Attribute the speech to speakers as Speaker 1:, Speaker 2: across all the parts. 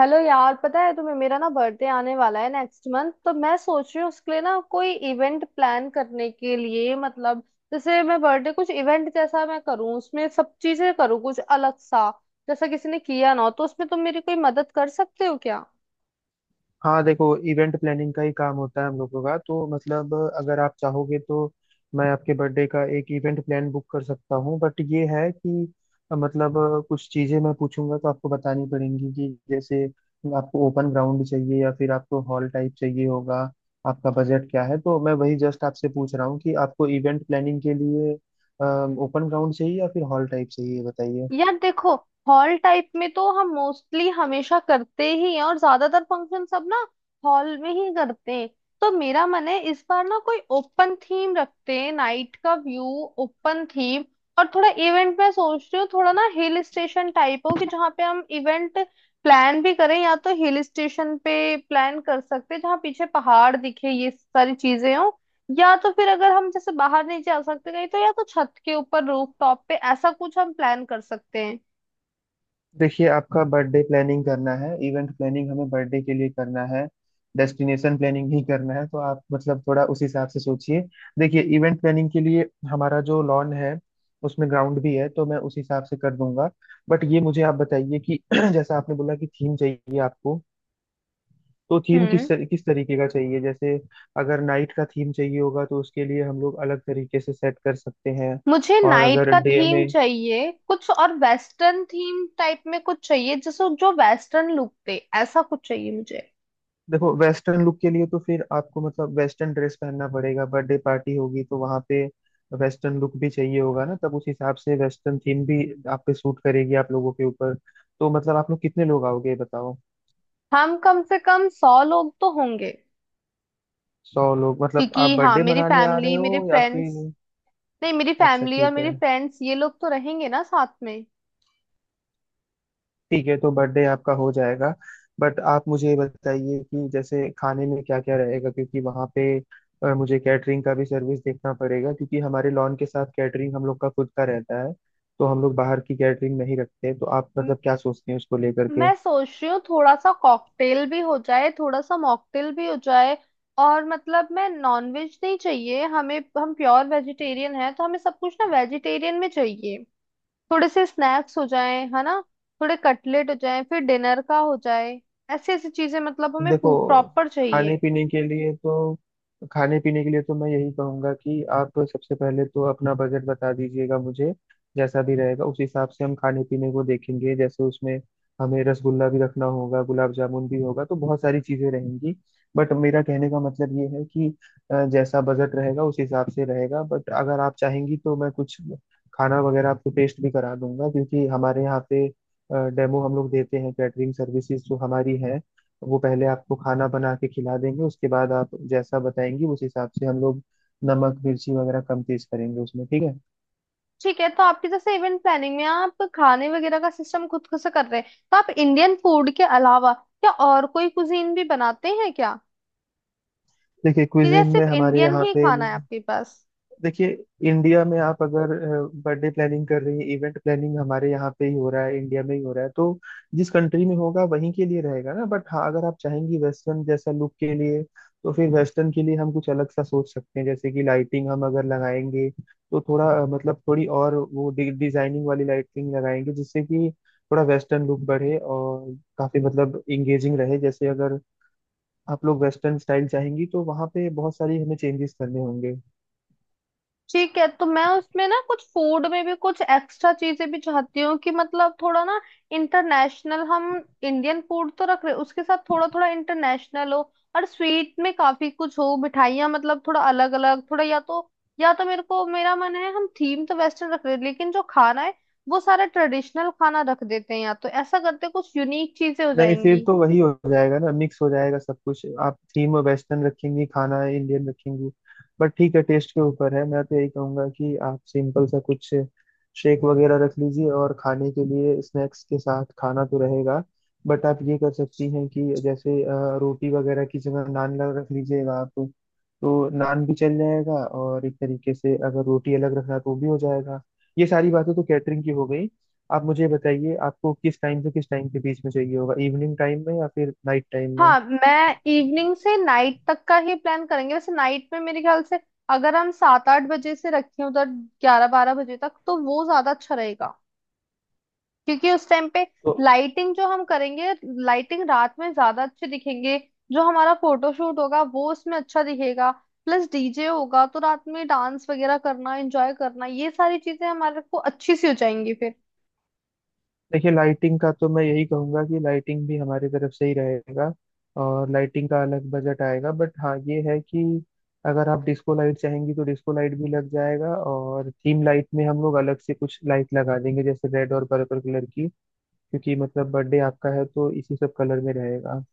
Speaker 1: Hello यार, पता है तुम्हें मेरा ना बर्थडे आने वाला है नेक्स्ट मंथ। तो मैं सोच रही हूँ उसके लिए ना कोई इवेंट प्लान करने के लिए, मतलब जैसे मैं बर्थडे कुछ इवेंट जैसा मैं करूँ, उसमें सब चीजें करूँ कुछ अलग सा, जैसा किसी ने किया ना हो। तो उसमें तुम मेरी कोई मदद कर सकते हो क्या?
Speaker 2: हाँ देखो, इवेंट प्लानिंग का ही काम होता है हम लोगों का तो। मतलब अगर आप चाहोगे तो मैं आपके बर्थडे का एक इवेंट प्लान बुक कर सकता हूँ। बट ये है कि कुछ चीज़ें मैं पूछूंगा तो आपको बतानी पड़ेंगी कि जैसे आपको ओपन ग्राउंड चाहिए या फिर आपको हॉल टाइप चाहिए होगा। आपका बजट क्या है? तो मैं वही जस्ट आपसे पूछ रहा हूँ कि आपको इवेंट प्लानिंग के लिए ओपन ग्राउंड चाहिए या फिर हॉल टाइप चाहिए, बताइए।
Speaker 1: यार देखो, हॉल टाइप में तो हम मोस्टली हमेशा करते ही हैं, और ज्यादातर फंक्शन सब ना हॉल में ही करते हैं। तो मेरा मन है इस बार ना कोई ओपन थीम रखते हैं, नाइट का व्यू, ओपन थीम। और थोड़ा इवेंट मैं सोच रही हूँ, थोड़ा ना हिल स्टेशन टाइप हो कि जहाँ पे हम इवेंट प्लान भी करें, या तो हिल स्टेशन पे प्लान कर सकते हैं जहाँ पीछे पहाड़ दिखे, ये सारी चीजें हो। या तो फिर अगर हम जैसे बाहर नहीं जा सकते कहीं, तो या तो छत के ऊपर रूफ टॉप पे ऐसा कुछ हम प्लान कर सकते हैं।
Speaker 2: देखिए, आपका बर्थडे प्लानिंग करना है, इवेंट प्लानिंग हमें बर्थडे के लिए करना है, डेस्टिनेशन प्लानिंग ही करना है तो आप मतलब थोड़ा उस हिसाब से सोचिए। देखिए, इवेंट प्लानिंग के लिए हमारा जो लॉन है उसमें ग्राउंड भी है तो मैं उस हिसाब से कर दूंगा। बट ये मुझे आप बताइए कि जैसा आपने बोला कि थीम चाहिए आपको, तो थीम
Speaker 1: हम्म।
Speaker 2: किस तरीके का चाहिए? जैसे अगर नाइट का थीम चाहिए होगा तो उसके लिए हम लोग अलग तरीके से सेट कर सकते हैं।
Speaker 1: मुझे
Speaker 2: और
Speaker 1: नाइट
Speaker 2: अगर
Speaker 1: का
Speaker 2: डे
Speaker 1: थीम
Speaker 2: में।
Speaker 1: चाहिए, कुछ और वेस्टर्न थीम टाइप में कुछ चाहिए, जैसे जो वेस्टर्न लुक दे। ऐसा कुछ चाहिए मुझे।
Speaker 2: देखो, वेस्टर्न लुक के लिए तो फिर आपको मतलब वेस्टर्न ड्रेस पहनना पड़ेगा, बर्थडे पार्टी होगी तो वहां पे वेस्टर्न लुक भी चाहिए होगा ना, तब उस हिसाब से वेस्टर्न थीम भी आप पे सूट करेगी आप लोगों के ऊपर। तो मतलब आप लोग कितने लोग आओगे, ये बताओ।
Speaker 1: हम कम से कम 100 लोग तो होंगे।
Speaker 2: सौ लोग? मतलब आप
Speaker 1: क्योंकि हाँ,
Speaker 2: बर्थडे
Speaker 1: मेरी
Speaker 2: मनाने आ रहे
Speaker 1: फैमिली, मेरे
Speaker 2: हो या
Speaker 1: फ्रेंड्स,
Speaker 2: फिर।
Speaker 1: नहीं मेरी
Speaker 2: अच्छा,
Speaker 1: फैमिली और
Speaker 2: ठीक है।
Speaker 1: मेरे फ्रेंड्स, ये लोग तो रहेंगे ना साथ में।
Speaker 2: ठीक है, तो बर्थडे आपका हो जाएगा। बट आप मुझे ये बताइए कि जैसे खाने में क्या क्या रहेगा, क्योंकि वहाँ पे मुझे कैटरिंग का भी सर्विस देखना पड़ेगा क्योंकि हमारे लॉन के साथ कैटरिंग हम लोग का खुद का रहता है। तो हम लोग बाहर की कैटरिंग नहीं रखते, तो आप मतलब क्या सोचते हैं उसको लेकर?
Speaker 1: मैं सोच रही हूँ थोड़ा सा कॉकटेल भी हो जाए, थोड़ा सा मॉकटेल भी हो जाए। और मतलब मैं, नॉनवेज नहीं चाहिए हमें, हम प्योर वेजिटेरियन है तो हमें सब कुछ ना वेजिटेरियन में चाहिए। थोड़े से स्नैक्स हो जाए है ना, थोड़े कटलेट हो जाए, फिर डिनर का हो जाए। ऐसी ऐसी चीजें मतलब हमें
Speaker 2: देखो,
Speaker 1: प्रॉपर
Speaker 2: खाने
Speaker 1: चाहिए।
Speaker 2: पीने के लिए तो खाने पीने के लिए तो मैं यही कहूंगा कि आप सबसे पहले तो अपना बजट बता दीजिएगा मुझे। जैसा भी रहेगा उस हिसाब से हम खाने पीने को देखेंगे, जैसे उसमें हमें रसगुल्ला भी रखना होगा, गुलाब जामुन भी होगा, तो बहुत सारी चीजें रहेंगी। बट मेरा कहने का मतलब ये है कि जैसा बजट रहेगा उस हिसाब से रहेगा। बट अगर आप चाहेंगी तो मैं कुछ खाना वगैरह आपको टेस्ट भी करा दूंगा, क्योंकि हमारे यहाँ पे डेमो हम लोग देते हैं। कैटरिंग सर्विसेज जो हमारी है वो पहले आपको खाना बना के खिला देंगे, उसके बाद आप जैसा बताएंगी उस हिसाब से हम लोग नमक मिर्ची वगैरह कम तेज करेंगे उसमें, ठीक है।
Speaker 1: ठीक है। तो आपकी जैसे इवेंट प्लानिंग में आप खाने वगैरह का सिस्टम खुद खुद से कर रहे हैं, तो आप इंडियन फूड के अलावा क्या और कोई कुजीन भी बनाते हैं क्या?
Speaker 2: देखिए,
Speaker 1: ठीक है,
Speaker 2: क्विजिन में
Speaker 1: सिर्फ
Speaker 2: हमारे
Speaker 1: इंडियन
Speaker 2: यहाँ
Speaker 1: ही
Speaker 2: पे।
Speaker 1: खाना है आपके पास।
Speaker 2: देखिए, इंडिया में आप अगर बर्थडे प्लानिंग कर रही हैं, इवेंट प्लानिंग हमारे यहाँ पे ही हो रहा है, इंडिया में ही हो रहा है तो जिस कंट्री में होगा वहीं के लिए रहेगा ना। बट हाँ, अगर आप चाहेंगी वेस्टर्न जैसा लुक के लिए, तो फिर वेस्टर्न के लिए हम कुछ अलग सा सोच सकते हैं, जैसे कि लाइटिंग हम अगर लगाएंगे तो थोड़ा मतलब थोड़ी और वो डिजाइनिंग वाली लाइटिंग लगाएंगे जिससे कि थोड़ा वेस्टर्न लुक बढ़े और काफी मतलब इंगेजिंग रहे। जैसे अगर आप लोग वेस्टर्न स्टाइल चाहेंगी तो वहाँ पे बहुत सारी हमें चेंजेस करने होंगे।
Speaker 1: ठीक है। तो मैं उसमें ना कुछ फूड में भी कुछ एक्स्ट्रा चीजें भी चाहती हूँ, कि मतलब थोड़ा ना इंटरनेशनल हम, इंडियन फूड तो रख रहे हैं, उसके साथ थोड़ा थोड़ा इंटरनेशनल हो। और स्वीट में काफी कुछ हो, मिठाइयाँ, मतलब थोड़ा अलग अलग, थोड़ा या तो, मेरे को मेरा मन है हम थीम तो वेस्टर्न रख रहे हैं, लेकिन जो खाना है वो सारा ट्रेडिशनल खाना रख देते हैं, या तो ऐसा करते हैं, कुछ यूनिक चीजें हो
Speaker 2: नहीं, फिर
Speaker 1: जाएंगी।
Speaker 2: तो वही हो जाएगा ना, मिक्स हो जाएगा सब कुछ। आप थीम वेस्टर्न रखेंगी, खाना इंडियन रखेंगी। बट ठीक है, टेस्ट के ऊपर है। मैं तो यही कहूंगा कि आप सिंपल सा कुछ शेक वगैरह रख लीजिए, और खाने के लिए स्नैक्स के साथ खाना तो रहेगा। बट आप ये कर सकती हैं कि जैसे रोटी वगैरह की जगह रख लीजिएगा आप। तो नान भी चल जाएगा और एक तरीके से अगर रोटी अलग रखना तो वो भी हो जाएगा। ये सारी बातें तो कैटरिंग की हो गई। आप मुझे बताइए, आपको किस टाइम से किस टाइम के बीच में चाहिए होगा, इवनिंग टाइम में या फिर नाइट टाइम में?
Speaker 1: हाँ, मैं इवनिंग से नाइट तक का ही प्लान करेंगे। वैसे नाइट में मेरे ख्याल से अगर हम 7-8 बजे से रखें, उधर 11-12 बजे तक, तो वो ज्यादा अच्छा रहेगा। क्योंकि उस टाइम पे
Speaker 2: तो
Speaker 1: लाइटिंग जो हम करेंगे, लाइटिंग रात में ज्यादा अच्छे दिखेंगे, जो हमारा फोटोशूट होगा वो उसमें अच्छा दिखेगा। प्लस डीजे होगा तो रात में डांस वगैरह करना, एंजॉय करना, ये सारी चीजें हमारे को अच्छी सी हो जाएंगी।
Speaker 2: देखिए, लाइटिंग का तो मैं यही कहूंगा कि लाइटिंग भी हमारी तरफ से ही रहेगा और लाइटिंग का अलग बजट आएगा। बट हाँ, ये है कि अगर आप डिस्को लाइट चाहेंगी तो डिस्को लाइट भी लग जाएगा, और थीम लाइट में हम लोग अलग से कुछ लाइट लगा देंगे, जैसे रेड और पर्पल कलर की, क्योंकि मतलब बर्थडे आपका है तो इसी सब कलर में रहेगा।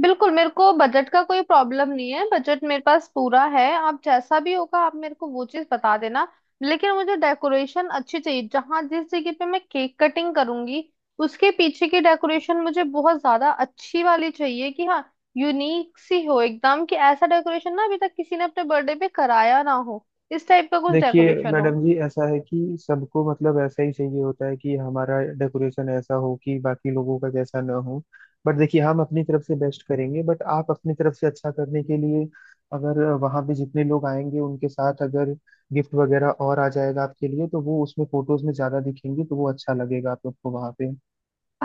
Speaker 1: बिल्कुल, मेरे को बजट का कोई प्रॉब्लम नहीं है, बजट मेरे पास पूरा है। आप जैसा भी होगा आप मेरे को वो चीज बता देना। लेकिन मुझे डेकोरेशन अच्छी चाहिए, जहाँ जिस जगह पे मैं केक कटिंग करूंगी उसके पीछे की डेकोरेशन मुझे बहुत ज्यादा अच्छी वाली चाहिए, कि हाँ, यूनिक सी हो एकदम, कि ऐसा डेकोरेशन ना अभी तक किसी ने अपने बर्थडे पे कराया ना हो। इस टाइप का कुछ
Speaker 2: देखिए
Speaker 1: डेकोरेशन हो।
Speaker 2: मैडम जी, ऐसा है कि सबको मतलब ऐसा ही चाहिए होता है कि हमारा डेकोरेशन ऐसा हो कि बाकी लोगों का जैसा ना हो। बट देखिए, हम अपनी तरफ से बेस्ट करेंगे। बट आप अपनी तरफ से अच्छा करने के लिए, अगर वहाँ पे जितने लोग आएंगे उनके साथ अगर गिफ्ट वगैरह और आ जाएगा आपके लिए, तो वो उसमें फोटोज में ज्यादा दिखेंगे, तो वो अच्छा लगेगा आप लोग को वहाँ पे।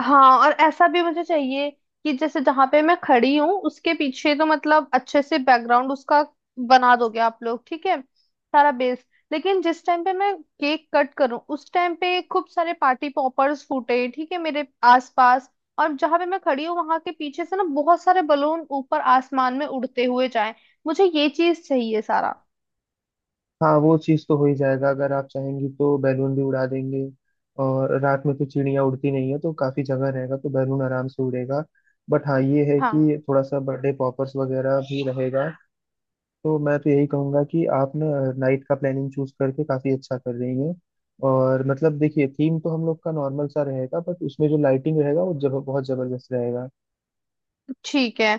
Speaker 1: हाँ, और ऐसा भी मुझे चाहिए, कि जैसे जहां पे मैं खड़ी हूँ उसके पीछे तो मतलब अच्छे से बैकग्राउंड उसका बना दोगे आप लोग, ठीक है, सारा बेस। लेकिन जिस टाइम पे मैं केक कट करूँ उस टाइम पे खूब सारे पार्टी पॉपर्स फूटे, ठीक है, मेरे आसपास। और जहां पे मैं खड़ी हूँ वहां के पीछे से ना बहुत सारे बलून ऊपर आसमान में उड़ते हुए जाएं। मुझे ये चीज चाहिए सारा।
Speaker 2: हाँ, वो चीज़ तो हो ही जाएगा। अगर आप चाहेंगी तो बैलून भी उड़ा देंगे, और रात में तो चिड़िया उड़ती नहीं है तो काफ़ी जगह रहेगा, तो बैलून आराम से उड़ेगा। बट हाँ, ये है
Speaker 1: हाँ।
Speaker 2: कि थोड़ा सा बर्थडे पॉपर्स वगैरह भी रहेगा। तो मैं तो यही कहूँगा कि आप ना नाइट का प्लानिंग चूज करके काफ़ी अच्छा कर रही हैं। और मतलब देखिए, थीम तो हम लोग का नॉर्मल सा रहेगा, बट उसमें जो लाइटिंग रहेगा वो जब बहुत ज़बरदस्त रहेगा।
Speaker 1: ठीक है।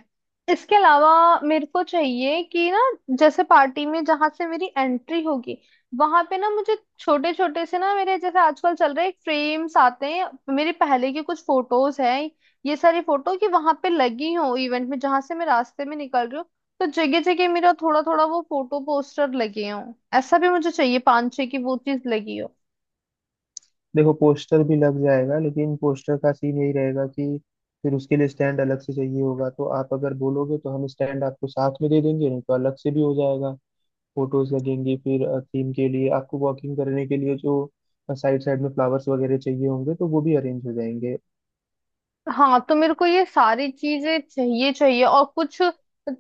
Speaker 1: इसके अलावा मेरे को चाहिए कि ना जैसे पार्टी में जहां से मेरी एंट्री होगी, वहां पे ना मुझे छोटे छोटे से ना मेरे जैसे आजकल चल रहे फ्रेम्स आते हैं, मेरे पहले के कुछ फोटोज हैं, ये सारी फोटो कि वहां पे लगी हो इवेंट में, जहां से मैं रास्ते में निकल रही हूँ। तो जगह जगह मेरा थोड़ा थोड़ा वो फोटो पोस्टर लगे हों। ऐसा भी मुझे चाहिए, 5-6 की वो चीज लगी हो।
Speaker 2: देखो, पोस्टर भी लग जाएगा, लेकिन पोस्टर का सीन यही रहेगा कि फिर उसके लिए स्टैंड अलग से चाहिए होगा, तो आप अगर बोलोगे तो हम स्टैंड आपको साथ में दे देंगे, नहीं तो अलग से भी हो जाएगा। फोटोज लगेंगी, फिर थीम के लिए आपको वॉकिंग करने के लिए जो साइड साइड में फ्लावर्स वगैरह चाहिए होंगे तो वो भी अरेंज हो जाएंगे।
Speaker 1: हाँ, तो मेरे को ये सारी चीजें चाहिए, चाहिए। और कुछ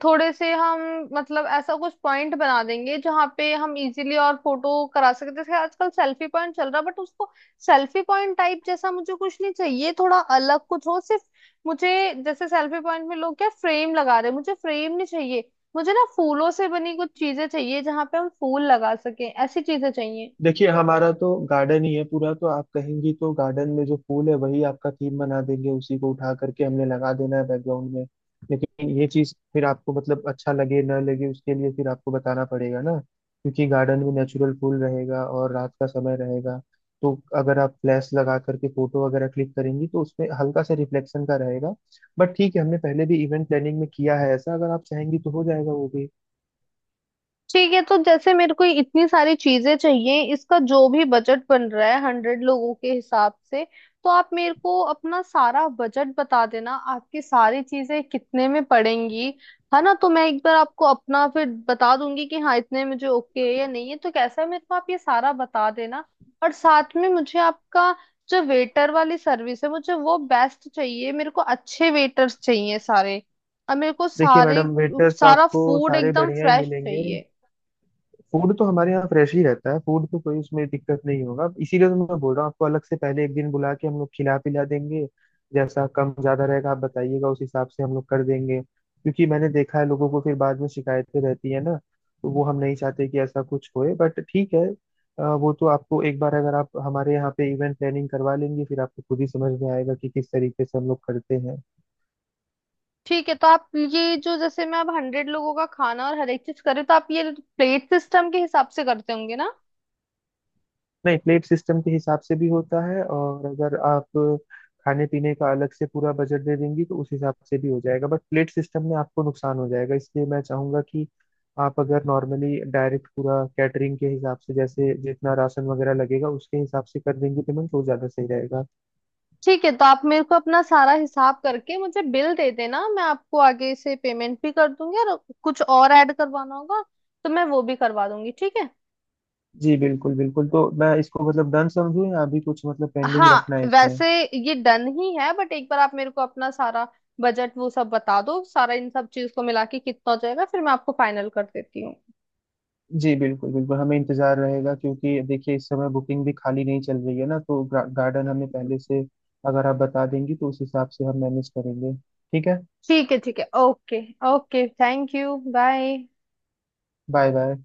Speaker 1: थोड़े से हम, मतलब ऐसा कुछ पॉइंट बना देंगे जहाँ पे हम इजीली और फोटो करा सकते हैं। जैसे आजकल सेल्फी पॉइंट चल रहा है बट उसको सेल्फी पॉइंट टाइप जैसा मुझे कुछ नहीं चाहिए, थोड़ा अलग कुछ हो सिर्फ। मुझे जैसे सेल्फी पॉइंट में लोग क्या फ्रेम लगा रहे हैं, मुझे फ्रेम नहीं चाहिए। मुझे ना फूलों से बनी कुछ चीजें चाहिए जहाँ पे हम फूल लगा सकें, ऐसी चीजें चाहिए।
Speaker 2: देखिए, हमारा तो गार्डन ही है पूरा, तो आप कहेंगी तो गार्डन में जो फूल है वही आपका थीम बना देंगे, उसी को उठा करके हमने लगा देना है बैकग्राउंड में। लेकिन ये चीज फिर आपको मतलब अच्छा लगे ना लगे उसके लिए फिर आपको बताना पड़ेगा ना, क्योंकि गार्डन में नेचुरल फूल रहेगा और रात का समय रहेगा, तो अगर आप फ्लैश लगा करके फोटो वगैरह क्लिक करेंगी तो उसमें हल्का सा रिफ्लेक्शन का रहेगा। बट ठीक है, हमने पहले भी इवेंट प्लानिंग में किया है ऐसा, अगर आप चाहेंगी तो हो जाएगा वो भी।
Speaker 1: ठीक है। तो जैसे मेरे को इतनी सारी चीजें चाहिए, इसका जो भी बजट बन रहा है 100 लोगों के हिसाब से, तो आप मेरे को अपना सारा बजट बता देना, आपकी सारी चीजें कितने में पड़ेंगी। है ना, तो मैं एक बार आपको अपना फिर बता दूंगी कि हाँ, इतने में जो ओके है या नहीं है तो कैसा है, मेरे को आप ये सारा बता देना। और साथ में मुझे आपका जो वेटर वाली सर्विस है मुझे वो बेस्ट चाहिए, मेरे को अच्छे वेटर्स चाहिए सारे। और मेरे को
Speaker 2: देखिए
Speaker 1: सारे
Speaker 2: मैडम, वेटर्स
Speaker 1: सारा
Speaker 2: आपको
Speaker 1: फूड
Speaker 2: सारे
Speaker 1: एकदम
Speaker 2: बढ़िया ही
Speaker 1: फ्रेश
Speaker 2: मिलेंगे।
Speaker 1: चाहिए।
Speaker 2: फूड तो हमारे यहाँ फ्रेश ही रहता है, फूड तो कोई उसमें दिक्कत नहीं होगा, इसीलिए तो मैं बोल रहा हूँ आपको अलग से पहले एक दिन बुला के हम लोग खिला पिला देंगे। जैसा कम ज्यादा रहेगा आप बताइएगा उस हिसाब से हम लोग कर देंगे, क्योंकि मैंने देखा है लोगों को फिर बाद में शिकायतें रहती है ना, तो वो हम नहीं चाहते कि ऐसा कुछ होए। बट ठीक है, वो तो आपको एक बार अगर आप हमारे यहाँ पे इवेंट प्लानिंग करवा लेंगे फिर आपको खुद ही समझ में आएगा कि किस तरीके से हम लोग करते हैं।
Speaker 1: ठीक है। तो आप ये जो जैसे मैं अब 100 लोगों का खाना और हर एक चीज करे, तो आप ये प्लेट सिस्टम के हिसाब से करते होंगे ना?
Speaker 2: नहीं, प्लेट सिस्टम के हिसाब से भी होता है, और अगर आप खाने पीने का अलग से पूरा बजट दे देंगी तो उस हिसाब से भी हो जाएगा। बट प्लेट सिस्टम में आपको नुकसान हो जाएगा, इसलिए मैं चाहूंगा कि आप अगर नॉर्मली डायरेक्ट पूरा कैटरिंग के हिसाब से, जैसे जितना राशन वगैरह लगेगा उसके हिसाब से कर देंगी पेमेंट, तो ज्यादा सही रहेगा।
Speaker 1: ठीक है, तो आप मेरे को अपना सारा हिसाब करके मुझे बिल दे देना, मैं आपको आगे से पेमेंट भी कर दूंगी। और कुछ और ऐड करवाना होगा तो मैं वो भी करवा दूंगी, ठीक है।
Speaker 2: जी बिल्कुल बिल्कुल, तो मैं इसको मतलब डन समझूं या अभी कुछ मतलब पेंडिंग रखना है
Speaker 1: हाँ।
Speaker 2: इसमें?
Speaker 1: वैसे ये डन ही है, बट एक बार आप मेरे को अपना सारा बजट वो सब बता दो, सारा इन सब चीज को मिला के कितना हो जाएगा, फिर मैं आपको फाइनल कर देती हूँ।
Speaker 2: जी बिल्कुल बिल्कुल, हमें इंतजार रहेगा, क्योंकि देखिए इस समय बुकिंग भी खाली नहीं चल रही है ना, तो गार्डन हमें पहले से अगर आप बता देंगी तो उस हिसाब से हम मैनेज करेंगे, ठीक है।
Speaker 1: ठीक है, ठीक है, okay. Okay, thank you, bye.
Speaker 2: Bye bye.